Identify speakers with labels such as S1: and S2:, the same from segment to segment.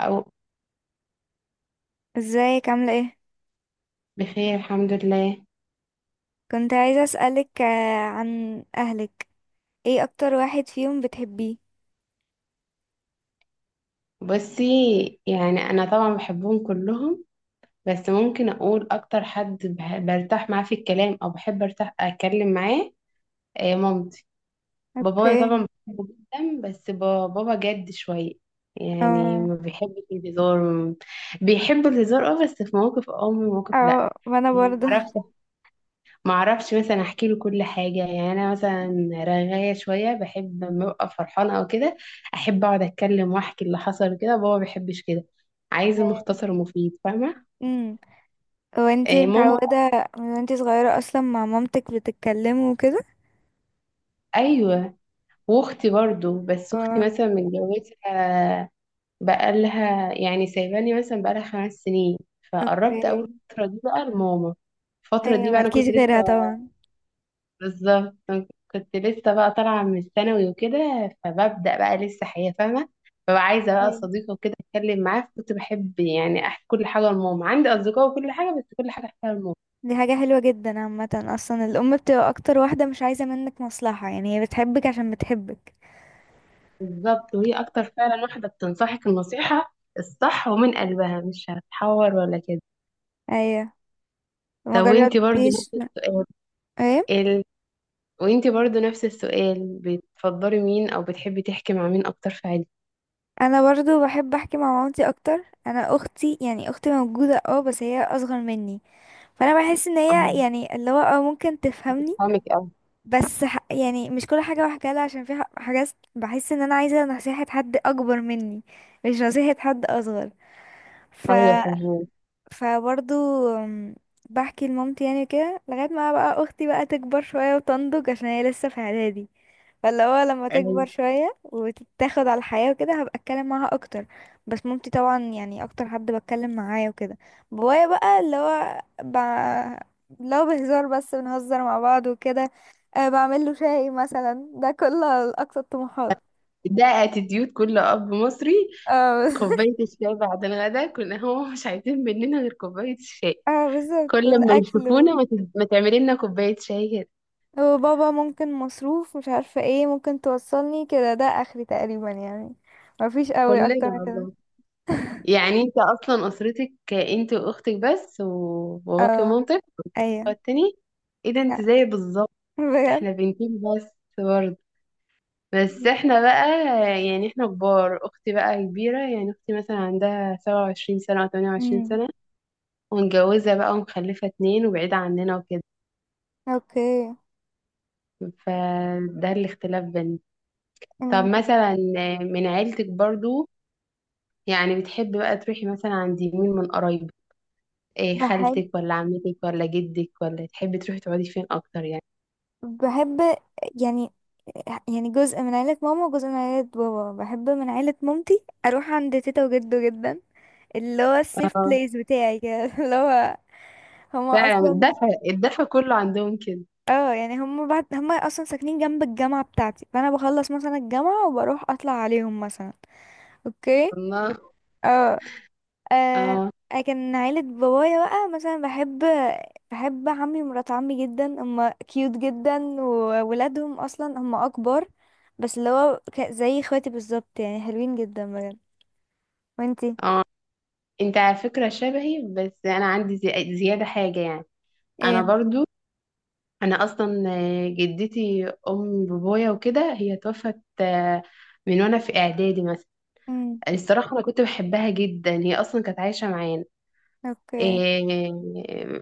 S1: أو
S2: ازيك عاملة ايه؟
S1: بخير الحمد لله.
S2: كنت عايزة اسألك عن اهلك. ايه اكتر واحد فيهم بتحبيه؟
S1: بصي، يعني أنا طبعا بحبهم كلهم، بس ممكن أقول أكتر حد برتاح معاه في الكلام، أو بحب أرتاح أتكلم معاه. مامتي. بابايا
S2: اوكي.
S1: طبعا بحبه جدا، بس بابا جد شوية. يعني
S2: اه.
S1: ما بيحبش الهزار بيحب الهزار، اه، بس في مواقف اه ومواقف لأ.
S2: اه وانا
S1: يعني
S2: برضه.
S1: معرفش، ما اعرفش مثلا احكي له كل حاجه. يعني انا مثلا رغايه شويه، بحب لما ببقى فرحانه او كده احب اقعد اتكلم واحكي اللي حصل كده. بابا ما بيحبش كده، عايز المختصر المفيد، فاهمه.
S2: امم وانتي
S1: ماما.
S2: متعودة من وانتي صغيرة اصلا مع مامتك بتتكلموا وكده؟
S1: ايوه، واختي برضو، بس اختي
S2: اه.
S1: مثلا متجوزه، بقالها يعني سايباني مثلا بقالها 5 سنين. فقربت اول
S2: اوكي.
S1: فتره دي بقى لماما. الفتره دي
S2: ايوه
S1: بقى انا
S2: مالكيش
S1: كنت لسه.
S2: غيرها طبعا.
S1: بالظبط، كنت لسه بقى طالعة من الثانوي وكده، فببدأ بقى لسه حياة فاهمة، فبقى عايزة بقى
S2: ايوه.
S1: صديقة وكده أتكلم معاه. كنت بحب يعني أحكي كل حاجة لماما، عندي أصدقاء وكل حاجة، بس كل حاجة أحكيها لماما.
S2: دي حاجة حلوة جدا، عامة اصلا الام بتبقى اكتر واحدة مش عايزة منك مصلحة، يعني هي بتحبك عشان بتحبك.
S1: بالظبط، وهي أكتر فعلا واحدة بتنصحك النصيحة الصح ومن قلبها، مش هتحور ولا كده.
S2: ايوه. ما
S1: طب وانتي برضو
S2: جربتيش.
S1: نفس السؤال؟
S2: ايه؟
S1: ال... وانتي برضو نفس السؤال، بتفضلي مين أو بتحبي تحكي مع مين أكتر في عيلتك؟
S2: انا برضو بحب احكي مع مامتي اكتر. انا اختي يعني اختي موجوده اه بس هي اصغر مني، فانا بحس ان هي
S1: أم-
S2: يعني اللي هو اه ممكن تفهمني.
S1: بتفهمك أوي.
S2: بس ح... يعني مش كل حاجه بحكيها لها عشان في ح- حاجات بحس ان انا عايزه نصيحه حد اكبر مني، مش نصيحه حد اصغر. ف
S1: أيوة،
S2: فبرضو، أم، بحكي لمامتي يعني كده لغايه ما بقى اختي بقى تكبر شويه وتنضج، عشان هي لسه في اعدادي. فاللي هو لما تكبر
S1: فاهمة،
S2: شوية وتتاخد على الحياة وكده هبقى اتكلم معاها اكتر. بس مامتي طبعا يعني اكتر حد بتكلم معاه وكده. بابايا بقى اللي هو ب... لو بهزار بس بنهزر مع بعض وكده. أه بعمل له شاي مثلا، ده كل اقصى الطموحات.
S1: ده اتيتيود كل اب مصري.
S2: اه
S1: كوباية الشاي بعد الغداء كنا هو مش عايزين مننا غير كوباية الشاي.
S2: اه بالظبط
S1: كل ما
S2: والاكل و-
S1: يشوفونا ما تعملي لنا كوباية شاي كده.
S2: وبابا ممكن مصروف مش عارفة ايه، ممكن توصلني كده، ده اخري تقريبا يعني. مفيش قوي
S1: كلنا
S2: اكتر من كده.
S1: والله. يعني انت اصلا اسرتك انت واختك بس، وباباك
S2: اه.
S1: ومامتك
S2: ايوه.
S1: والتاني. ايه ده،
S2: لأ،
S1: انت زي بالظبط.
S2: بجد.
S1: احنا بنتين بس برضه، بس احنا بقى يعني احنا كبار. اختي بقى كبيرة، يعني اختي مثلا عندها 27 سنة او تمانية وعشرين
S2: مم.
S1: سنة ومتجوزة بقى ومخلفة اتنين وبعيدة عننا وكده.
S2: اوكي.
S1: فده الاختلاف بيننا. طب
S2: أم،
S1: مثلا، من عيلتك برضو، يعني بتحبي بقى تروحي مثلا عند مين من قرايبك؟ إيه،
S2: بحب
S1: خالتك ولا عمتك ولا جدك، ولا تحبي تروحي تقعدي فين اكتر يعني؟
S2: بحب يعني يعني جزء من عيلة ماما وجزء من عيلة بابا. بحب من عيلة مامتي اروح عند تيتا وجدو جدا، اللي هو السيف
S1: اه،
S2: بليس بتاعي كده. اللي هو هما
S1: فعلا
S2: اصلا
S1: الدفع كله عندهم كده.
S2: اه يعني هما بعد، هما اصلا ساكنين جنب الجامعة بتاعتي، فانا بخلص مثلا الجامعة وبروح اطلع عليهم مثلا. اوكي.
S1: الله.
S2: اه. آه.
S1: اه.
S2: كان عيلة بابايا بقى مثلا بحب بحب عمي ومرات عمي جدا، هما كيوت جدا وولادهم اصلا هما اكبر، بس اللي هو ك- زي اخواتي بالظبط يعني حلوين جدا بجد. وانتي؟
S1: اه، انت على فكرة شبهي، بس انا عندي زيادة حاجة يعني. انا
S2: ايه.
S1: برضو، انا اصلا جدتي ام بابايا وكده هي توفت، من وانا في اعدادي مثلا.
S2: امم
S1: الصراحة أنا كنت بحبها جدا، هي أصلا كانت عايشة معانا.
S2: اوكي.
S1: إيه.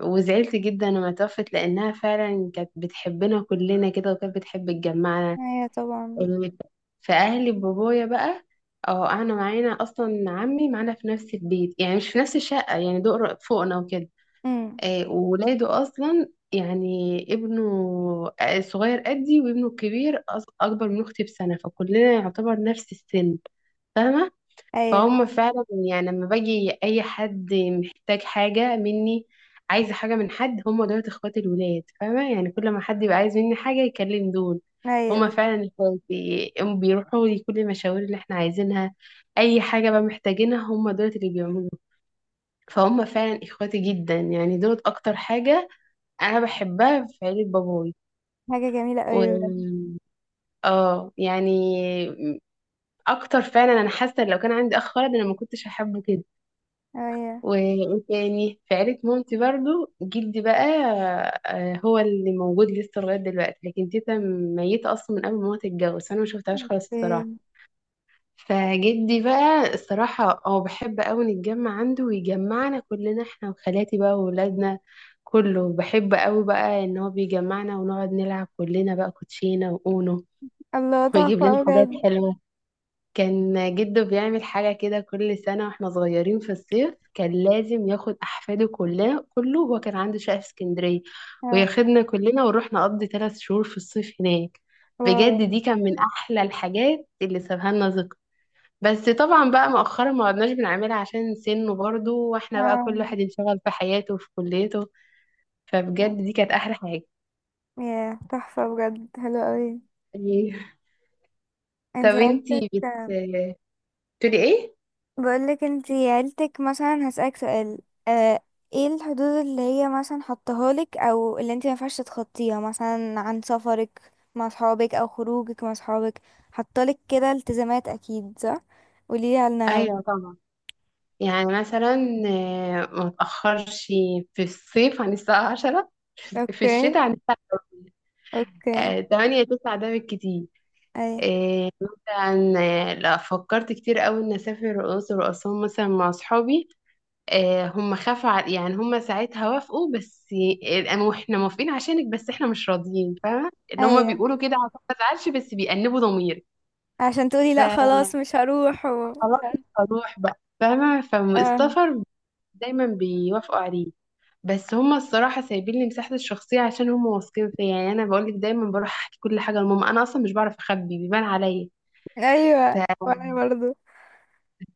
S1: وزعلت جدا لما توفت، لأنها فعلا كانت بتحبنا كلنا كده، وكانت بتحب تجمعنا.
S2: ايوه طبعا.
S1: إيه، فأهلي بابايا بقى، اه قعدنا معانا أصلا، عمي معانا في نفس البيت، يعني مش في نفس الشقة يعني دور فوقنا وكده.
S2: امم.
S1: إيه، وولاده أصلا يعني ابنه صغير قدي، وابنه الكبير أكبر من أختي بسنة، فكلنا يعتبر نفس السن، فاهمة.
S2: ايوه.
S1: فهم فعلا يعني، لما باجي اي حد محتاج حاجه مني، عايزه حاجه من حد، هم دول اخوات الولاد، فاهمه، يعني كل ما حد يبقى عايز مني حاجه يكلم دول.
S2: ايوه
S1: هم
S2: بس.
S1: فعلا اخواتي، هم بيروحوا لي كل المشاوير اللي احنا عايزينها، اي حاجه بقى محتاجينها هم دول اللي بيعملوها. فهم فعلا اخواتي جدا، يعني دول اكتر حاجه انا بحبها في عيله باباي.
S2: حاجة جميلة
S1: و...
S2: اوي بجد.
S1: اه يعني اكتر فعلا، انا حاسه إن لو كان عندي اخ ولد انا ما كنتش هحبه كده.
S2: ايوه.
S1: وتاني في عيلة مامتي برضو، جدي بقى هو اللي موجود لسه لغاية دلوقتي، لكن تيتا ميتة أصلا من قبل ما هو تتجوز، فأنا ما شفتهاش خالص الصراحة.
S2: اوكي.
S1: فجدي بقى الصراحة هو بحب أوي نتجمع عنده، ويجمعنا كلنا احنا وخالاتي بقى وولادنا. كله بحب أوي بقى إن هو بيجمعنا، ونقعد نلعب كلنا بقى كوتشينة وأونو،
S2: الله
S1: ويجيب
S2: تحفة
S1: لنا
S2: أوي
S1: حاجات
S2: بجد.
S1: حلوة. كان جده بيعمل حاجة كده كل سنة واحنا صغيرين في الصيف، كان لازم ياخد أحفاده كلها كله. هو كان عنده شقة في اسكندرية،
S2: اه.
S1: وياخدنا كلنا ونروح نقضي 3 شهور في الصيف هناك.
S2: واو.
S1: بجد، دي كان من أحلى الحاجات اللي سابها لنا ذكر. بس طبعا بقى مؤخرا ما عدناش بنعملها، عشان سنه برضه واحنا بقى كل
S2: اه.
S1: واحد انشغل في حياته وفي كليته. فبجد دي كانت أحلى حاجة.
S2: يا تحفة بجد حلوة اوي.
S1: إيه. طب
S2: انتي عيلتك،
S1: انتي بتقولي ايه؟
S2: بقولك انتي عيلتك مثلا هسألك سؤال. اه. ايه الحدود اللي هي مثلا حطها لك او اللي انتي مينفعش تخطيها، مثلا عن سفرك مع صحابك او خروجك مع صحابك؟ حطالك كده التزامات اكيد، صح؟ قوليلي عنها بقى.
S1: ايوه طبعا، يعني مثلا ما تأخرش في الصيف عن الساعة 10. في
S2: اوكي.
S1: الشتاء عن الساعة
S2: اوكي.
S1: 8 9، ده بالكتير.
S2: اي.
S1: آه، مثلا آه، لا، فكرت كتير قوي إن أسافر الأقصر وأسوان مثلا مع أصحابي. هم خافوا يعني هم ساعتها وافقوا، بس آه، إحنا موافقين عشانك بس إحنا مش راضيين، فاهمة اللي هم
S2: اي
S1: بيقولوا كده عشان ما أزعلش، بس بيأنبوا ضميري.
S2: عشان تقولي لا خلاص
S1: فخلاص
S2: مش هروح و...
S1: مش هروح بقى، فاهمة.
S2: اه.
S1: فالسفر دايما بيوافقوا عليه، بس هما الصراحة سايبين لي مساحة الشخصية عشان هما واثقين فيا، يعني أنا بقول لك دايما بروح أحكي كل حاجة لماما، أنا أصلا مش بعرف أخبي، بيبان عليا.
S2: ايوه
S1: ف-
S2: وانا برضو.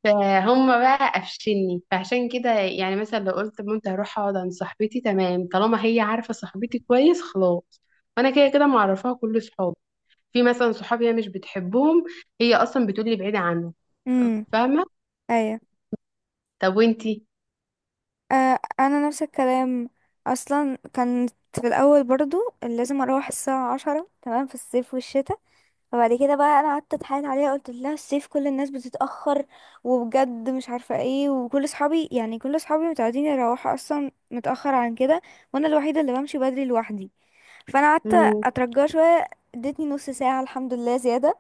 S1: فهم بقى قفشني، فعشان كده يعني مثلا لو قلت مامتي هروح أقعد عند صاحبتي تمام، طالما هي عارفة صاحبتي كويس خلاص. وأنا كده كده معرفاها كل صحابي، في مثلا صحابي هي مش بتحبهم، هي أصلا بتقولي بعيدة عنهم،
S2: امم
S1: فاهمة. طب وأنتي؟
S2: انا نفس الكلام. اصلا كانت في الاول برضو لازم اروح الساعه عشرة تمام في الصيف والشتاء. فبعد كده بقى انا قعدت اتحايل عليها، قلت لها الصيف كل الناس بتتاخر، وبجد مش عارفه ايه، وكل اصحابي يعني كل اصحابي متعودين يروحوا اصلا متاخر عن كده، وانا الوحيده اللي بمشي بدري لوحدي. فانا قعدت
S1: مم.
S2: اترجاها شويه، ادتني نص ساعه الحمد لله زياده،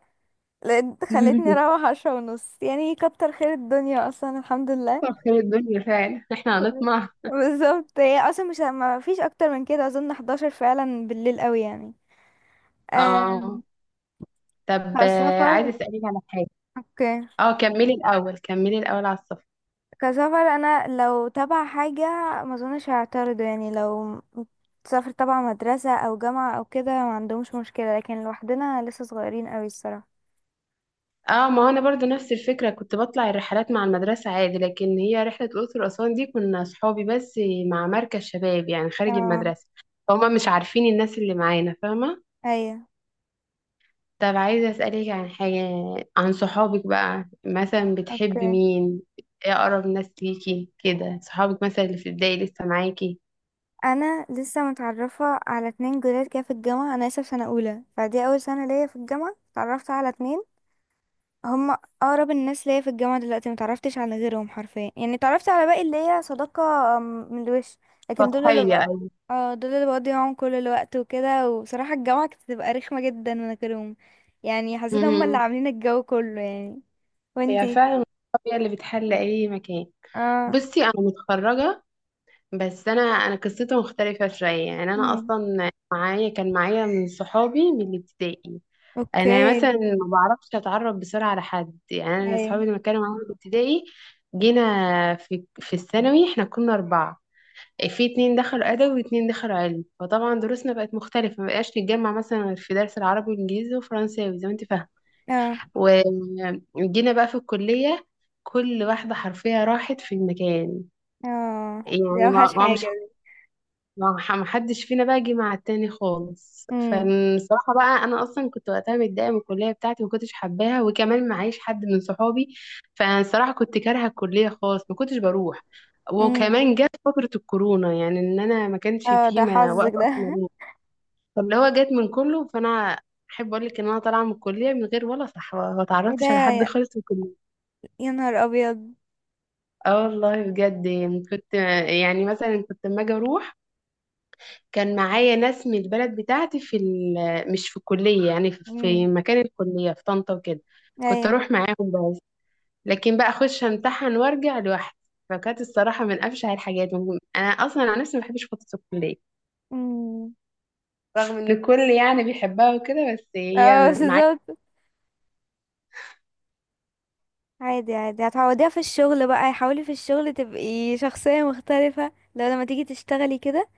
S2: لقيت خلتني اروح عشرة ونص، يعني كتر خير الدنيا اصلا الحمد
S1: طب
S2: لله.
S1: خير الدنيا فعلا، احنا هنطمع.
S2: بالظبط، هي اصلا مش ما فيش اكتر من كده اظن، 11 فعلا بالليل قوي يعني. آه.
S1: اه، طب عايزه
S2: كسفر.
S1: اسالك على حاجه.
S2: اوكي.
S1: اه، كملي الاول على السفر.
S2: كسفر انا لو تبع حاجه ما اظنش هعترض يعني، لو سافر تبع مدرسه او جامعه او كده ما عندهمش مشكله، لكن لوحدنا لسه صغيرين قوي الصراحه.
S1: اه، ما هو انا برضو نفس الفكره، كنت بطلع الرحلات مع المدرسه عادي، لكن هي رحله الاقصر واسوان دي كنا صحابي بس مع مركز شباب، يعني خارج
S2: اه.
S1: المدرسه، فهم مش عارفين الناس اللي معانا، فاهمه.
S2: ايوه.
S1: طب عايزه اسالك عن حاجه، عن صحابك بقى مثلا،
S2: اوكي.
S1: بتحبي مين؟ ايه اقرب ناس ليكي كده صحابك مثلا، اللي في البدايه لسه معاكي؟
S2: انا لسه متعرفه على اتنين جداد كده في الجامعه، انا لسه في سنه اولى فدي اول سنه ليا في الجامعه، اتعرفت على اتنين هم اقرب الناس ليا في الجامعه دلوقتي. ما تعرفتش على غيرهم حرفيا، يعني تعرفت على باقي اللي هي صداقه م- من الوش، لكن دول اللي بق...
S1: سطحيه.
S2: اه دول اللي بقضي معاهم كل الوقت وكده. وبصراحه الجامعه كانت بتبقى رخمه جدا من غيرهم، يعني حسيت هم اللي
S1: أيوة.
S2: عاملين الجو كله يعني.
S1: هي
S2: وانتي؟
S1: فعلا الطبيعة اللي بتحل أي مكان.
S2: اه.
S1: بصي، أنا متخرجة، بس أنا قصتي مختلفة شوية، يعني أنا
S2: امم
S1: أصلا معايا كان معايا من صحابي من الابتدائي. أنا مثلا
S2: اوكي.
S1: ما بعرفش أتعرف بسرعة على حد، يعني أنا
S2: ايه.
S1: صحابي اللي كانوا معايا في الابتدائي، جينا في الثانوي إحنا كنا أربعة، في اتنين دخلوا أدبي واتنين دخلوا علم، فطبعا دروسنا بقت مختلفة، مبقاش نتجمع مثلا غير في درس العربي والإنجليزي وفرنساوي زي ما أنت فاهمة.
S2: اه.
S1: وجينا بقى في الكلية، كل واحدة حرفيا راحت في مكان.
S2: اه دي
S1: يعني
S2: اوحش
S1: ما ما- مش
S2: حاجه دي.
S1: ما ما حدش فينا بقى جه مع التاني خالص،
S2: امم.
S1: فالصراحة بقى أنا أصلا كنت وقتها متضايقة من الكلية بتاعتي، ما كنتش حباها وكمان معيش حد من صحابي. فالصراحة كنت كارهة الكلية خالص، ما كنتش بروح،
S2: امم.
S1: وكمان جت فترة الكورونا، يعني إن أنا ما كانش
S2: اه
S1: فيه
S2: ده
S1: ما
S2: حظك
S1: وقت
S2: ده.
S1: أصلا أروح. فاللي هو جت من كله فأنا أحب أقول لك إن أنا طالعة من الكلية من غير ولا صحبة، ما
S2: ايه ده
S1: تعرفتش على حد
S2: يا،
S1: خالص في الكلية.
S2: يا نهار ابيض.
S1: اه والله بجد، يعني كنت، يعني مثلا كنت لما اجي اروح، كان معايا ناس من البلد بتاعتي في مش في الكلية، يعني في
S2: امم
S1: في مكان الكلية في طنطا وكده، كنت
S2: ايوه.
S1: اروح معاهم. بس لكن بقى اخش امتحن وارجع لوحدي، فكانت الصراحة من افشع الحاجات انا اصلا عن نفسي ما بحبش فترة الكلية،
S2: امم
S1: رغم ان الكل يعني بيحبها وكده بس هي
S2: اه
S1: معايا.
S2: بالظبط. عادي عادي هتعوضيها في الشغل بقى. حاولي في الشغل تبقي شخصية مختلفة، لو لما تيجي تشتغلي كده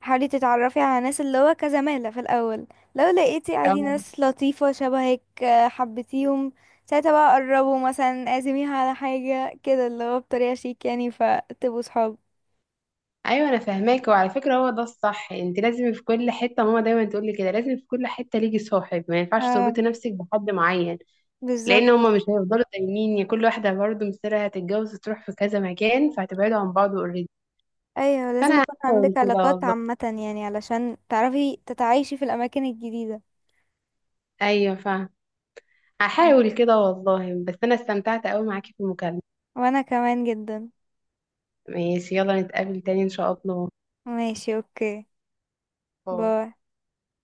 S2: حاولي تتعرفي على ناس اللي هو كزمالة في الأول، لو لقيتي عادي
S1: اه،
S2: ناس لطيفة شبهك حبيتيهم، ساعتها بقى قربوا مثلا اعزميها على حاجة كده اللي هو بطريقة شيك، يعني فتبقوا صحاب.
S1: ايوه انا فاهماك، وعلى فكره هو ده الصح، انت لازم في كل حته، ماما دايما تقول لي كده لازم في كل حته ليكي صاحب، ما ينفعش تربطي
S2: اه
S1: نفسك بحد معين،
S2: بالظبط.
S1: لان هما مش هيفضلوا دايمين، يا كل واحده برضه مصيرها هتتجوز وتروح في كذا مكان فهتبعدوا عن بعض اوريدي.
S2: ايوه لازم
S1: فانا
S2: يكون عندك
S1: هحاول كده
S2: علاقات
S1: والله،
S2: عامة، يعني علشان تعرفي تتعايشي في الأماكن الجديدة.
S1: ايوه فاهم،
S2: مم.
S1: هحاول كده والله. بس انا استمتعت قوي معاكي في المكالمه.
S2: وأنا كمان جدا.
S1: ماشي، يلا نتقابل تاني ان شاء الله.
S2: ماشي اوكي.
S1: باي.
S2: باي